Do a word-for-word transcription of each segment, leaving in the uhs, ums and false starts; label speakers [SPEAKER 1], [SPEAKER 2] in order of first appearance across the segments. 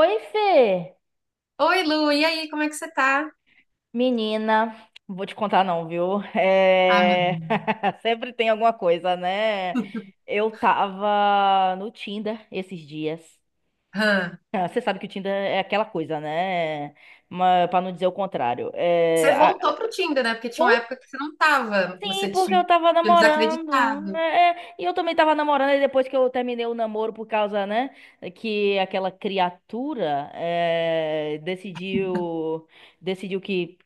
[SPEAKER 1] Oi, Fê!
[SPEAKER 2] Oi, Lu, e aí, como é que você tá?
[SPEAKER 1] Menina, não vou te contar não, viu?
[SPEAKER 2] Ai, meu
[SPEAKER 1] É...
[SPEAKER 2] Deus.
[SPEAKER 1] Sempre tem alguma coisa, né? Eu tava no Tinder esses dias.
[SPEAKER 2] Hã?
[SPEAKER 1] Ah, você sabe que o Tinder é aquela coisa, né? Mas, pra não dizer o contrário. É...
[SPEAKER 2] Você
[SPEAKER 1] a-
[SPEAKER 2] voltou pro Tinder, né? Porque tinha uma
[SPEAKER 1] Ou
[SPEAKER 2] época que você não tava,
[SPEAKER 1] sim,
[SPEAKER 2] você
[SPEAKER 1] porque
[SPEAKER 2] tinha
[SPEAKER 1] eu tava
[SPEAKER 2] tinha
[SPEAKER 1] namorando.
[SPEAKER 2] desacreditado.
[SPEAKER 1] É, é, E eu também tava namorando, e depois que eu terminei o namoro por causa, né? Que aquela criatura é, decidiu decidiu que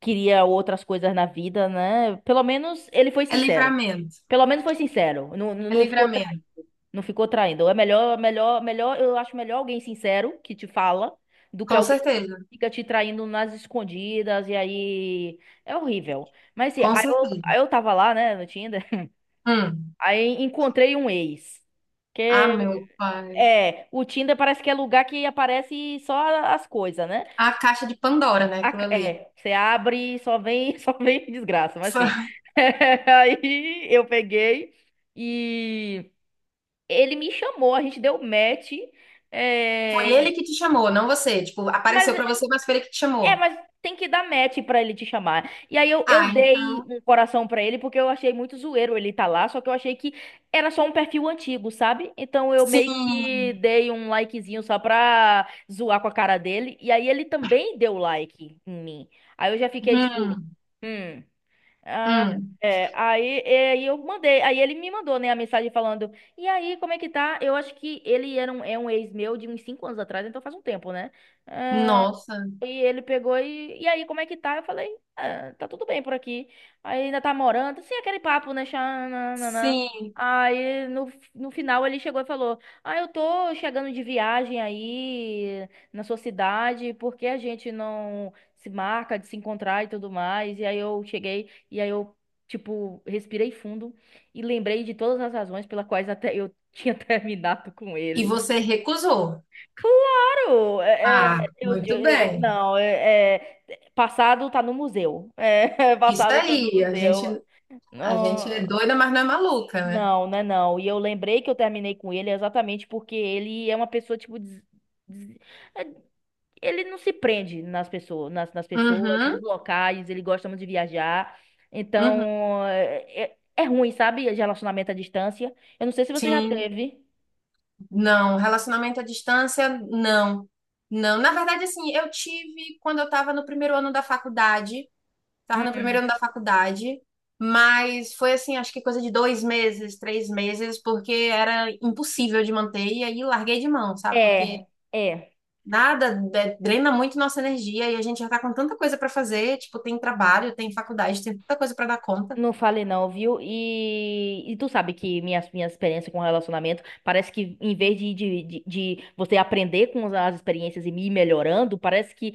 [SPEAKER 1] queria outras coisas na vida, né? Pelo menos ele foi
[SPEAKER 2] É
[SPEAKER 1] sincero.
[SPEAKER 2] livramento,
[SPEAKER 1] Pelo menos foi sincero. Não, não
[SPEAKER 2] é
[SPEAKER 1] não ficou traindo.
[SPEAKER 2] livramento.
[SPEAKER 1] Não ficou traindo. É melhor, melhor, melhor, eu acho melhor alguém sincero que te fala do que
[SPEAKER 2] Com
[SPEAKER 1] alguém que
[SPEAKER 2] certeza,
[SPEAKER 1] fica te traindo nas escondidas e aí é horrível. Mas assim,
[SPEAKER 2] com
[SPEAKER 1] aí eu,
[SPEAKER 2] certeza.
[SPEAKER 1] aí eu tava lá, né, no Tinder,
[SPEAKER 2] Hum.
[SPEAKER 1] aí encontrei um ex.
[SPEAKER 2] Ah,
[SPEAKER 1] Que
[SPEAKER 2] meu pai.
[SPEAKER 1] é, o Tinder parece que é lugar que aparece só as coisas, né?
[SPEAKER 2] A caixa de Pandora, né?
[SPEAKER 1] a-
[SPEAKER 2] Aquilo ali.
[SPEAKER 1] é, você abre e só vem, só vem desgraça, mas
[SPEAKER 2] Foi
[SPEAKER 1] assim. Aí eu peguei e ele me chamou, a gente deu match.
[SPEAKER 2] foi
[SPEAKER 1] é,
[SPEAKER 2] ele que te chamou, não você. Tipo, apareceu
[SPEAKER 1] mas
[SPEAKER 2] pra você, mas foi ele que te
[SPEAKER 1] é,
[SPEAKER 2] chamou.
[SPEAKER 1] mas tem que dar match pra ele te chamar. E aí eu, eu
[SPEAKER 2] Ah,
[SPEAKER 1] dei
[SPEAKER 2] então,
[SPEAKER 1] um coração pra ele porque eu achei muito zoeiro ele tá lá, só que eu achei que era só um perfil antigo, sabe? Então eu meio que
[SPEAKER 2] sim.
[SPEAKER 1] dei um likezinho só pra zoar com a cara dele. E aí ele também deu like em mim. Aí eu já fiquei tipo,
[SPEAKER 2] Hum,
[SPEAKER 1] hum. Ah,
[SPEAKER 2] hum.
[SPEAKER 1] é, aí, é, aí eu mandei, aí ele me mandou, né, a mensagem falando, e aí, como é que tá? Eu acho que ele era um, é um ex meu de uns cinco anos atrás, então faz um tempo, né?
[SPEAKER 2] Nossa,
[SPEAKER 1] E ele pegou e, e aí, como é que tá? Eu falei, ah, tá tudo bem por aqui. Aí ainda tá morando, assim, aquele papo, né? Xananana.
[SPEAKER 2] sim.
[SPEAKER 1] Aí no, no final ele chegou e falou: ah, eu tô chegando de viagem aí na sua cidade, por que a gente não se marca de se encontrar e tudo mais? E aí eu cheguei, e aí eu, tipo, respirei fundo e lembrei de todas as razões pelas quais até eu tinha terminado com
[SPEAKER 2] E
[SPEAKER 1] ele.
[SPEAKER 2] você recusou.
[SPEAKER 1] Claro, é,
[SPEAKER 2] Ah,
[SPEAKER 1] é, eu,
[SPEAKER 2] muito
[SPEAKER 1] eu-
[SPEAKER 2] bem.
[SPEAKER 1] não, é, é, passado tá no museu. É,
[SPEAKER 2] Isso
[SPEAKER 1] passado tá no
[SPEAKER 2] aí, a gente,
[SPEAKER 1] museu.
[SPEAKER 2] a gente
[SPEAKER 1] Não,
[SPEAKER 2] é doida, mas não é maluca, né?
[SPEAKER 1] não, né, não. E eu lembrei que eu terminei com ele exatamente porque ele é uma pessoa, tipo, des- des- é, ele não se prende nas pessoas, nas, nas pessoas, nos
[SPEAKER 2] Uhum,
[SPEAKER 1] locais, ele gosta muito de viajar.
[SPEAKER 2] uhum,
[SPEAKER 1] Então, é, é é ruim, sabe? De relacionamento à distância. Eu não sei se você já
[SPEAKER 2] sim.
[SPEAKER 1] teve.
[SPEAKER 2] Não, relacionamento à distância, não. Não, na verdade, assim, eu tive quando eu estava no primeiro ano da faculdade, estava no
[SPEAKER 1] Hum.
[SPEAKER 2] primeiro ano da faculdade, mas foi assim, acho que coisa de dois meses, três meses, porque era impossível de manter, e aí larguei de mão, sabe? Porque
[SPEAKER 1] É, é.
[SPEAKER 2] nada é, drena muito nossa energia e a gente já tá com tanta coisa para fazer, tipo, tem trabalho, tem faculdade, tem tanta coisa para dar conta.
[SPEAKER 1] Não falei não, viu? E, e tu sabe que minhas minha experiência com relacionamento parece que em vez de, de, de, de você aprender com as experiências e ir melhorando, parece que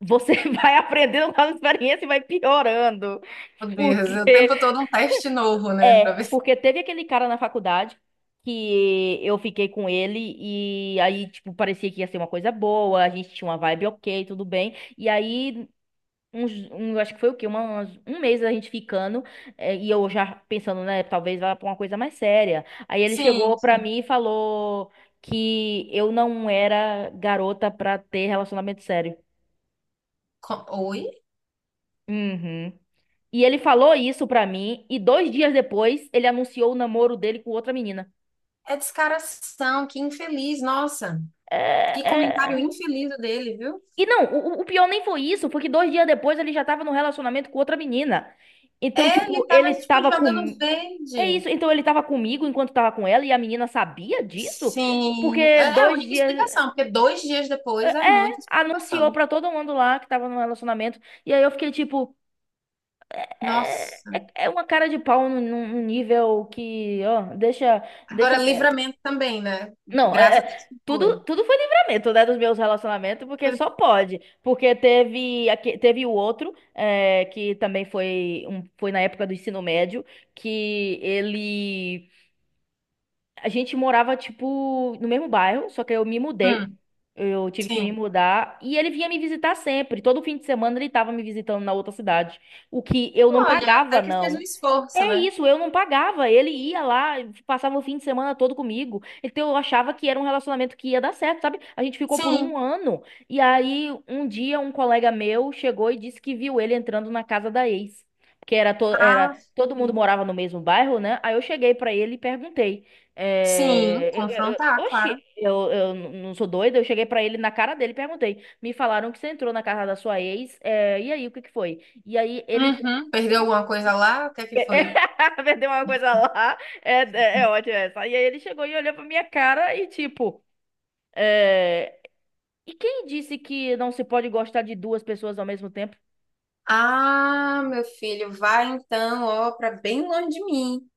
[SPEAKER 1] você vai aprendendo com as experiências e vai piorando.
[SPEAKER 2] Meu Deus, é o tempo
[SPEAKER 1] Porque
[SPEAKER 2] todo um teste novo, né? Pra ver
[SPEAKER 1] é,
[SPEAKER 2] se.
[SPEAKER 1] porque teve aquele cara na faculdade que eu fiquei com ele e aí tipo parecia que ia ser uma coisa boa, a gente tinha uma vibe ok, tudo bem. E aí Uns, um, eu acho que foi o quê? Uma, umas- um mês a gente ficando, eh, e eu já pensando, né? Talvez vá pra uma coisa mais séria. Aí ele
[SPEAKER 2] Sim,
[SPEAKER 1] chegou pra
[SPEAKER 2] sim.
[SPEAKER 1] mim e falou que eu não era garota pra ter relacionamento sério.
[SPEAKER 2] Co- Oi?
[SPEAKER 1] Uhum. E ele falou isso pra mim, e dois dias depois ele anunciou o namoro dele com outra menina.
[SPEAKER 2] É descaração, que infeliz, nossa. Que
[SPEAKER 1] É,
[SPEAKER 2] comentário
[SPEAKER 1] é...
[SPEAKER 2] infeliz o dele, viu?
[SPEAKER 1] E não, o, o pior nem foi isso, porque dois dias depois ele já tava num relacionamento com outra menina. Então,
[SPEAKER 2] É,
[SPEAKER 1] tipo,
[SPEAKER 2] ele tava,
[SPEAKER 1] ele
[SPEAKER 2] tipo,
[SPEAKER 1] tava
[SPEAKER 2] jogando
[SPEAKER 1] com. É
[SPEAKER 2] verde.
[SPEAKER 1] isso. Então ele tava comigo enquanto tava com ela e a menina sabia disso?
[SPEAKER 2] Sim,
[SPEAKER 1] Porque
[SPEAKER 2] é a
[SPEAKER 1] dois
[SPEAKER 2] única
[SPEAKER 1] dias.
[SPEAKER 2] explicação, porque dois dias
[SPEAKER 1] É,
[SPEAKER 2] depois é
[SPEAKER 1] é,
[SPEAKER 2] muita
[SPEAKER 1] anunciou
[SPEAKER 2] explicação.
[SPEAKER 1] pra todo mundo lá que tava num relacionamento. E aí eu fiquei tipo. É,
[SPEAKER 2] Nossa.
[SPEAKER 1] é, é uma cara de pau num, num nível que. Ó, deixa,
[SPEAKER 2] Agora,
[SPEAKER 1] deixa quieto.
[SPEAKER 2] livramento também, né?
[SPEAKER 1] Não, é.
[SPEAKER 2] Graças a Deus
[SPEAKER 1] É,
[SPEAKER 2] que foi.
[SPEAKER 1] Tudo, tudo foi livramento, né, dos meus relacionamentos, porque
[SPEAKER 2] Foi-
[SPEAKER 1] só pode. Porque teve, aque- teve o outro, é, que também foi, um, foi na época do ensino médio, que ele a gente morava, tipo, no mesmo bairro, só que eu me mudei.
[SPEAKER 2] Hum,
[SPEAKER 1] Eu tive que me
[SPEAKER 2] sim.
[SPEAKER 1] mudar. E ele vinha me visitar sempre. Todo fim de semana ele tava me visitando na outra cidade. O que eu não
[SPEAKER 2] Olha,
[SPEAKER 1] pagava,
[SPEAKER 2] até que fez um
[SPEAKER 1] não.
[SPEAKER 2] esforço,
[SPEAKER 1] É
[SPEAKER 2] né?
[SPEAKER 1] isso, eu não pagava. Ele ia lá, passava o fim de semana todo comigo. Então eu achava que era um relacionamento que ia dar certo, sabe? A gente ficou por
[SPEAKER 2] Sim.
[SPEAKER 1] um ano. E aí, um dia, um colega meu chegou e disse que viu ele entrando na casa da ex. Porque era, to
[SPEAKER 2] Ah,
[SPEAKER 1] era todo mundo
[SPEAKER 2] sim.
[SPEAKER 1] morava no mesmo bairro, né? Aí eu cheguei pra ele e perguntei.
[SPEAKER 2] Sim,
[SPEAKER 1] É, eu- eu- eu-
[SPEAKER 2] confrontar,
[SPEAKER 1] oxi,
[SPEAKER 2] claro.
[SPEAKER 1] eu, eu n- não sou doida. Eu cheguei pra ele na cara dele e perguntei. Me falaram que você entrou na casa da sua ex. é, e aí, o que que foi? E aí ele.
[SPEAKER 2] Uhum. Perdeu alguma coisa lá? O que é que foi?
[SPEAKER 1] Vendeu uma coisa lá. É, é, é ótimo essa. E aí ele chegou e olhou pra minha cara e tipo, é... e quem disse que não se pode gostar de duas pessoas ao mesmo tempo?
[SPEAKER 2] Ah, meu filho, vai então, ó, pra bem longe de mim.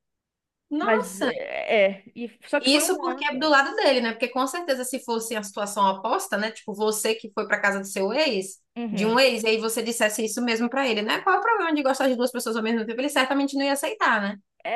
[SPEAKER 1] Mas
[SPEAKER 2] Nossa,
[SPEAKER 1] é, é. E, só que foi
[SPEAKER 2] isso
[SPEAKER 1] um
[SPEAKER 2] porque é do
[SPEAKER 1] ano.
[SPEAKER 2] lado dele, né? Porque com certeza se fosse a situação oposta, né? Tipo, você que foi pra casa do seu ex, de
[SPEAKER 1] Uhum.
[SPEAKER 2] um ex, e aí você dissesse isso mesmo pra ele, né? Qual é o problema de gostar de duas pessoas ao mesmo tempo? Ele certamente não ia aceitar, né?
[SPEAKER 1] É,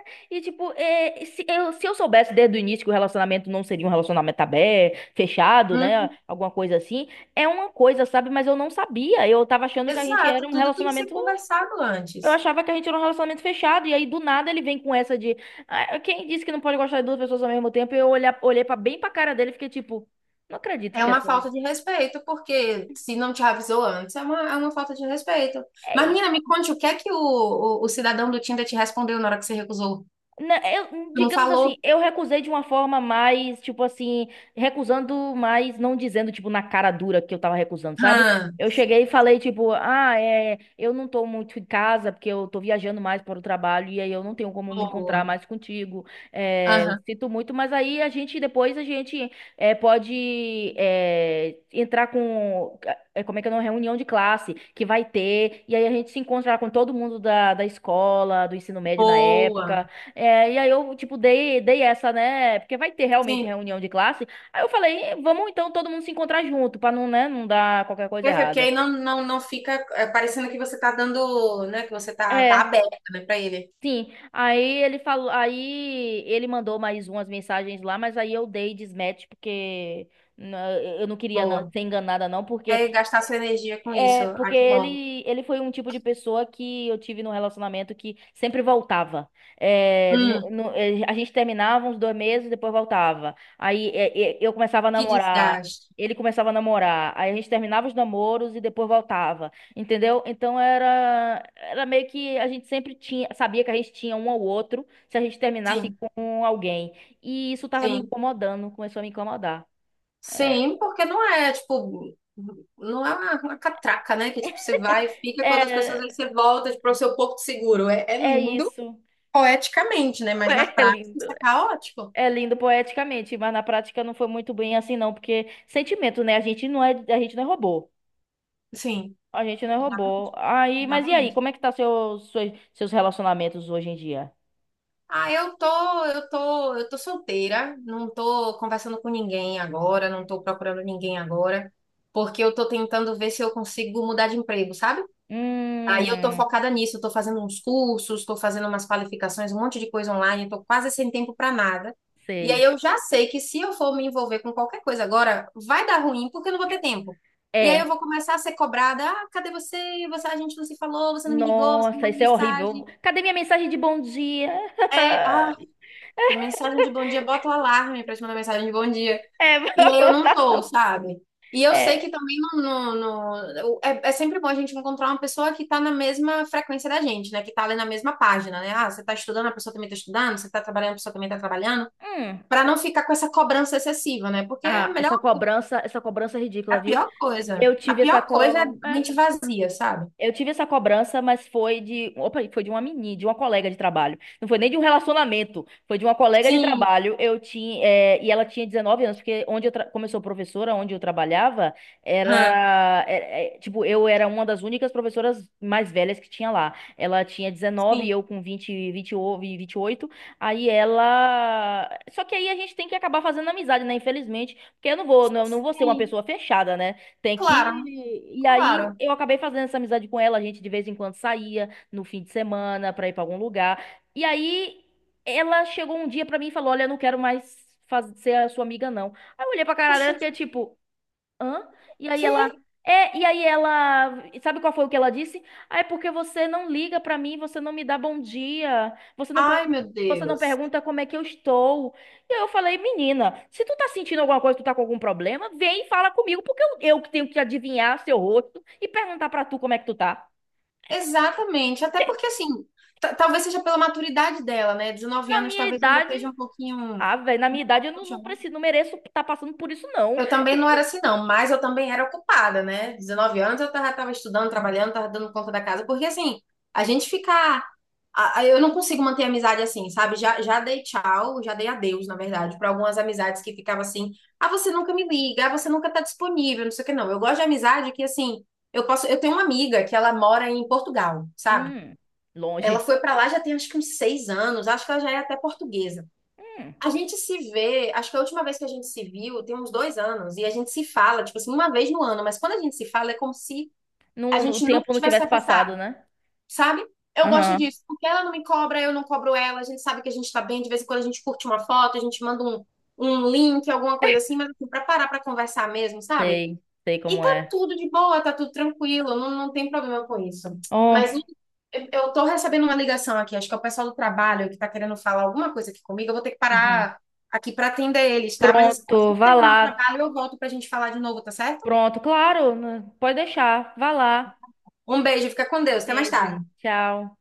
[SPEAKER 1] é. e tipo, é, se eu, se eu soubesse desde o início que o relacionamento não seria um relacionamento aberto, fechado, né?
[SPEAKER 2] Hum.
[SPEAKER 1] Alguma coisa assim, é uma coisa, sabe? Mas eu não sabia. Eu tava achando que a gente era
[SPEAKER 2] Exato,
[SPEAKER 1] um
[SPEAKER 2] tudo tem que ser
[SPEAKER 1] relacionamento.
[SPEAKER 2] conversado
[SPEAKER 1] Eu
[SPEAKER 2] antes.
[SPEAKER 1] achava que a gente era um relacionamento fechado, e aí do nada ele vem com essa de: "ah, quem disse que não pode gostar de duas pessoas ao mesmo tempo?" Eu olhar, olhei pra, bem pra cara dele e fiquei tipo, não acredito
[SPEAKER 2] É
[SPEAKER 1] que
[SPEAKER 2] uma
[SPEAKER 1] essa.
[SPEAKER 2] falta de respeito, porque se não te avisou antes, é uma, é uma falta de respeito. Mas,
[SPEAKER 1] É,
[SPEAKER 2] menina, me conte o que é que o, o, o cidadão do Tinder te respondeu na hora que você recusou?
[SPEAKER 1] Não, eu,
[SPEAKER 2] Tu não
[SPEAKER 1] digamos assim,
[SPEAKER 2] falou?
[SPEAKER 1] eu recusei de uma forma mais, tipo assim, recusando, mas não dizendo, tipo, na cara dura que eu tava recusando, sabe?
[SPEAKER 2] Hã,
[SPEAKER 1] Eu cheguei e falei, tipo, ah, é, eu não tô muito em casa porque eu tô viajando mais para o trabalho e aí eu não tenho como me
[SPEAKER 2] boa.
[SPEAKER 1] encontrar mais contigo. É,
[SPEAKER 2] Aham,
[SPEAKER 1] sinto muito, mas aí a gente, depois a gente é, pode é, entrar com, é, como é que é, uma reunião de classe que vai ter e aí a gente se encontra com todo mundo da, da escola, do ensino médio na
[SPEAKER 2] boa.
[SPEAKER 1] época. É, e aí eu, tipo, dei, dei essa, né? Porque vai ter realmente
[SPEAKER 2] Sim.
[SPEAKER 1] reunião de classe. Aí eu falei, "eh, vamos então todo mundo se encontrar junto, pra não, né, não dar qualquer coisa
[SPEAKER 2] Perfeito, porque
[SPEAKER 1] errada."
[SPEAKER 2] aí não, não, não fica é, parecendo que você tá dando, né, que você tá, tá
[SPEAKER 1] É,
[SPEAKER 2] aberta, né, pra ele.
[SPEAKER 1] sim. Aí ele falou, aí ele mandou mais umas mensagens lá, mas aí eu dei desmatch porque né, eu não queria na-
[SPEAKER 2] Boa.
[SPEAKER 1] ser enganada não, porque
[SPEAKER 2] É gastar sua energia com isso.
[SPEAKER 1] É,
[SPEAKER 2] Ah,
[SPEAKER 1] porque
[SPEAKER 2] que bom.
[SPEAKER 1] ele, ele foi um tipo de pessoa que eu tive num relacionamento que sempre voltava. É, no-
[SPEAKER 2] Hum,
[SPEAKER 1] no- é, a gente terminava uns dois meses, depois voltava. Aí é, é, eu começava a
[SPEAKER 2] que
[SPEAKER 1] namorar,
[SPEAKER 2] desgaste.
[SPEAKER 1] ele começava a namorar. Aí a gente terminava os namoros e depois voltava. Entendeu? Então era, era meio que a gente sempre tinha, sabia que a gente tinha um ao outro se a gente terminasse
[SPEAKER 2] Sim,
[SPEAKER 1] com alguém. E isso tava me
[SPEAKER 2] sim.
[SPEAKER 1] incomodando, começou a me incomodar. É,
[SPEAKER 2] Sim, porque não é, tipo, não é uma, uma catraca, né? Que, tipo, você vai, fica com outras pessoas, aí
[SPEAKER 1] é,
[SPEAKER 2] você volta, tipo, para o seu porto seguro. É, é
[SPEAKER 1] é
[SPEAKER 2] lindo
[SPEAKER 1] isso.
[SPEAKER 2] poeticamente, né? Mas na
[SPEAKER 1] É
[SPEAKER 2] prática
[SPEAKER 1] lindo.
[SPEAKER 2] isso é caótico.
[SPEAKER 1] É lindo poeticamente, mas na prática não foi muito bem assim, não, porque sentimento, né? A gente não é, a gente não é robô.
[SPEAKER 2] Sim,
[SPEAKER 1] A gente não é robô. Aí, mas e aí,
[SPEAKER 2] exatamente.
[SPEAKER 1] como é que tá seus, seus, seus relacionamentos hoje em dia?
[SPEAKER 2] Ah, eu tô, eu tô, eu tô solteira, não tô conversando com ninguém agora, não tô procurando ninguém agora, porque eu tô tentando ver se eu consigo mudar de emprego, sabe? Aí eu tô
[SPEAKER 1] Hum,
[SPEAKER 2] focada nisso, eu tô fazendo uns cursos, tô fazendo umas qualificações, um monte de coisa online, eu tô quase sem tempo para nada. E aí
[SPEAKER 1] sei.
[SPEAKER 2] eu já sei que se eu for me envolver com qualquer coisa agora, vai dar ruim porque eu não vou ter tempo. E aí eu vou
[SPEAKER 1] É.
[SPEAKER 2] começar a ser cobrada, ah, cadê você? Você, a gente não se falou, você não me ligou, você não
[SPEAKER 1] Nossa,
[SPEAKER 2] mandou
[SPEAKER 1] isso é horrível.
[SPEAKER 2] mensagem.
[SPEAKER 1] Cadê minha mensagem de bom dia?
[SPEAKER 2] É, ah, mensagem de bom dia, bota o alarme para te mandar mensagem de bom dia.
[SPEAKER 1] É,
[SPEAKER 2] E aí eu não tô, sabe? E eu sei que
[SPEAKER 1] é.
[SPEAKER 2] também não, não- não- é, é sempre bom a gente encontrar uma pessoa que tá na mesma frequência da gente, né? Que tá ali na mesma página, né? Ah, você tá estudando, a pessoa também tá estudando, você tá trabalhando, a pessoa também tá trabalhando,
[SPEAKER 1] Hum.
[SPEAKER 2] pra não ficar com essa cobrança excessiva, né? Porque é a
[SPEAKER 1] Ah,
[SPEAKER 2] melhor,
[SPEAKER 1] essa cobrança, essa cobrança é ridícula,
[SPEAKER 2] a
[SPEAKER 1] viu?
[SPEAKER 2] pior coisa,
[SPEAKER 1] Eu
[SPEAKER 2] a
[SPEAKER 1] tive essa
[SPEAKER 2] pior coisa é
[SPEAKER 1] cobrança.
[SPEAKER 2] a mente vazia, sabe?
[SPEAKER 1] Eu tive essa cobrança, mas foi de, opa, foi de uma menina, de uma colega de trabalho. Não foi nem de um relacionamento, foi de uma colega de
[SPEAKER 2] Sim,
[SPEAKER 1] trabalho. Eu tinha, eh, e ela tinha dezenove anos, porque onde eu tra- começou professora, onde eu trabalhava,
[SPEAKER 2] hã,
[SPEAKER 1] era, é- é, tipo, eu era uma das únicas professoras mais velhas que tinha lá. Ela tinha dezenove e
[SPEAKER 2] sim,
[SPEAKER 1] eu com vinte, vinte e vinte e oito. Aí ela, só que aí a gente tem que acabar fazendo amizade, né? Infelizmente, porque eu não vou, não, não vou ser uma
[SPEAKER 2] sim,
[SPEAKER 1] pessoa fechada, né? Tem
[SPEAKER 2] claro,
[SPEAKER 1] que. E aí
[SPEAKER 2] claro.
[SPEAKER 1] eu acabei fazendo essa amizade com ela. A gente de vez em quando saía no fim de semana pra ir pra algum lugar. E aí ela chegou um dia pra mim e falou: olha, eu não quero mais faz- ser a sua amiga, não. Aí eu olhei pra cara dela
[SPEAKER 2] Poxa,
[SPEAKER 1] e
[SPEAKER 2] o
[SPEAKER 1] fiquei tipo. Hã? E aí
[SPEAKER 2] quê?
[SPEAKER 1] ela. É, e aí ela. Sabe qual foi o que ela disse? Ah, é porque você não liga pra mim, você não me dá bom dia, você não
[SPEAKER 2] Ai,
[SPEAKER 1] pergunta,
[SPEAKER 2] meu
[SPEAKER 1] você não
[SPEAKER 2] Deus.
[SPEAKER 1] pergunta como é que eu estou. E aí eu falei, menina, se tu tá sentindo alguma coisa, tu tá com algum problema, vem e fala comigo, porque eu, eu que tenho que adivinhar seu rosto e perguntar pra tu como é que tu tá.
[SPEAKER 2] Exatamente, até porque assim, ta- talvez seja pela maturidade dela, né? 19
[SPEAKER 1] Na
[SPEAKER 2] anos
[SPEAKER 1] minha
[SPEAKER 2] talvez ainda
[SPEAKER 1] idade.
[SPEAKER 2] esteja um pouquinho
[SPEAKER 1] Ah, velho, na minha idade eu não, não
[SPEAKER 2] jovem.
[SPEAKER 1] preciso, não mereço estar tá passando por isso, não.
[SPEAKER 2] Eu também não era assim, não, mas eu também era ocupada, né? 19 anos eu já estava estudando, trabalhando, tava dando conta da casa, porque assim, a gente ficar. a- a- Eu não consigo manter amizade assim, sabe? Já, já dei tchau, já dei adeus, na verdade, para algumas amizades que ficavam assim: ah, você nunca me liga, ah, você nunca tá disponível, não sei o que, não. Eu gosto de amizade que, assim, eu posso. Eu tenho uma amiga que ela mora em Portugal, sabe?
[SPEAKER 1] Hum,
[SPEAKER 2] Ela
[SPEAKER 1] longe.
[SPEAKER 2] foi para lá já tem acho que uns seis anos, acho que ela já é até portuguesa.
[SPEAKER 1] Hum,
[SPEAKER 2] A gente se vê, acho que a última vez que a gente se viu tem uns dois anos, e a gente se fala, tipo assim, uma vez no ano, mas quando a gente se fala é como se
[SPEAKER 1] não,
[SPEAKER 2] a
[SPEAKER 1] o
[SPEAKER 2] gente nunca
[SPEAKER 1] tempo não
[SPEAKER 2] tivesse se
[SPEAKER 1] tivesse passado,
[SPEAKER 2] afastado,
[SPEAKER 1] né?
[SPEAKER 2] sabe? Eu gosto
[SPEAKER 1] Aham.
[SPEAKER 2] disso, porque ela não me cobra, eu não cobro ela, a gente sabe que a gente tá bem, de vez em quando a gente curte uma foto, a gente manda um, um link, alguma coisa assim, mas assim, pra parar pra conversar mesmo, sabe?
[SPEAKER 1] Sei, sei
[SPEAKER 2] E
[SPEAKER 1] como
[SPEAKER 2] tá
[SPEAKER 1] é.
[SPEAKER 2] tudo de boa, tá tudo tranquilo, não, não tem problema com isso.
[SPEAKER 1] Oh,
[SPEAKER 2] Mas o- eu eu tô recebendo uma ligação aqui, acho que é o pessoal do trabalho que tá querendo falar alguma coisa aqui comigo, eu vou ter que
[SPEAKER 1] uhum.
[SPEAKER 2] parar aqui pra atender eles, tá? Mas
[SPEAKER 1] Pronto,
[SPEAKER 2] assim que
[SPEAKER 1] vá
[SPEAKER 2] terminar o
[SPEAKER 1] lá.
[SPEAKER 2] trabalho, eu volto pra gente falar de novo, tá certo?
[SPEAKER 1] Pronto, claro, né? Pode deixar. Vá lá.
[SPEAKER 2] Um beijo, fica com Deus, até mais
[SPEAKER 1] Beijo.
[SPEAKER 2] tarde.
[SPEAKER 1] Tchau.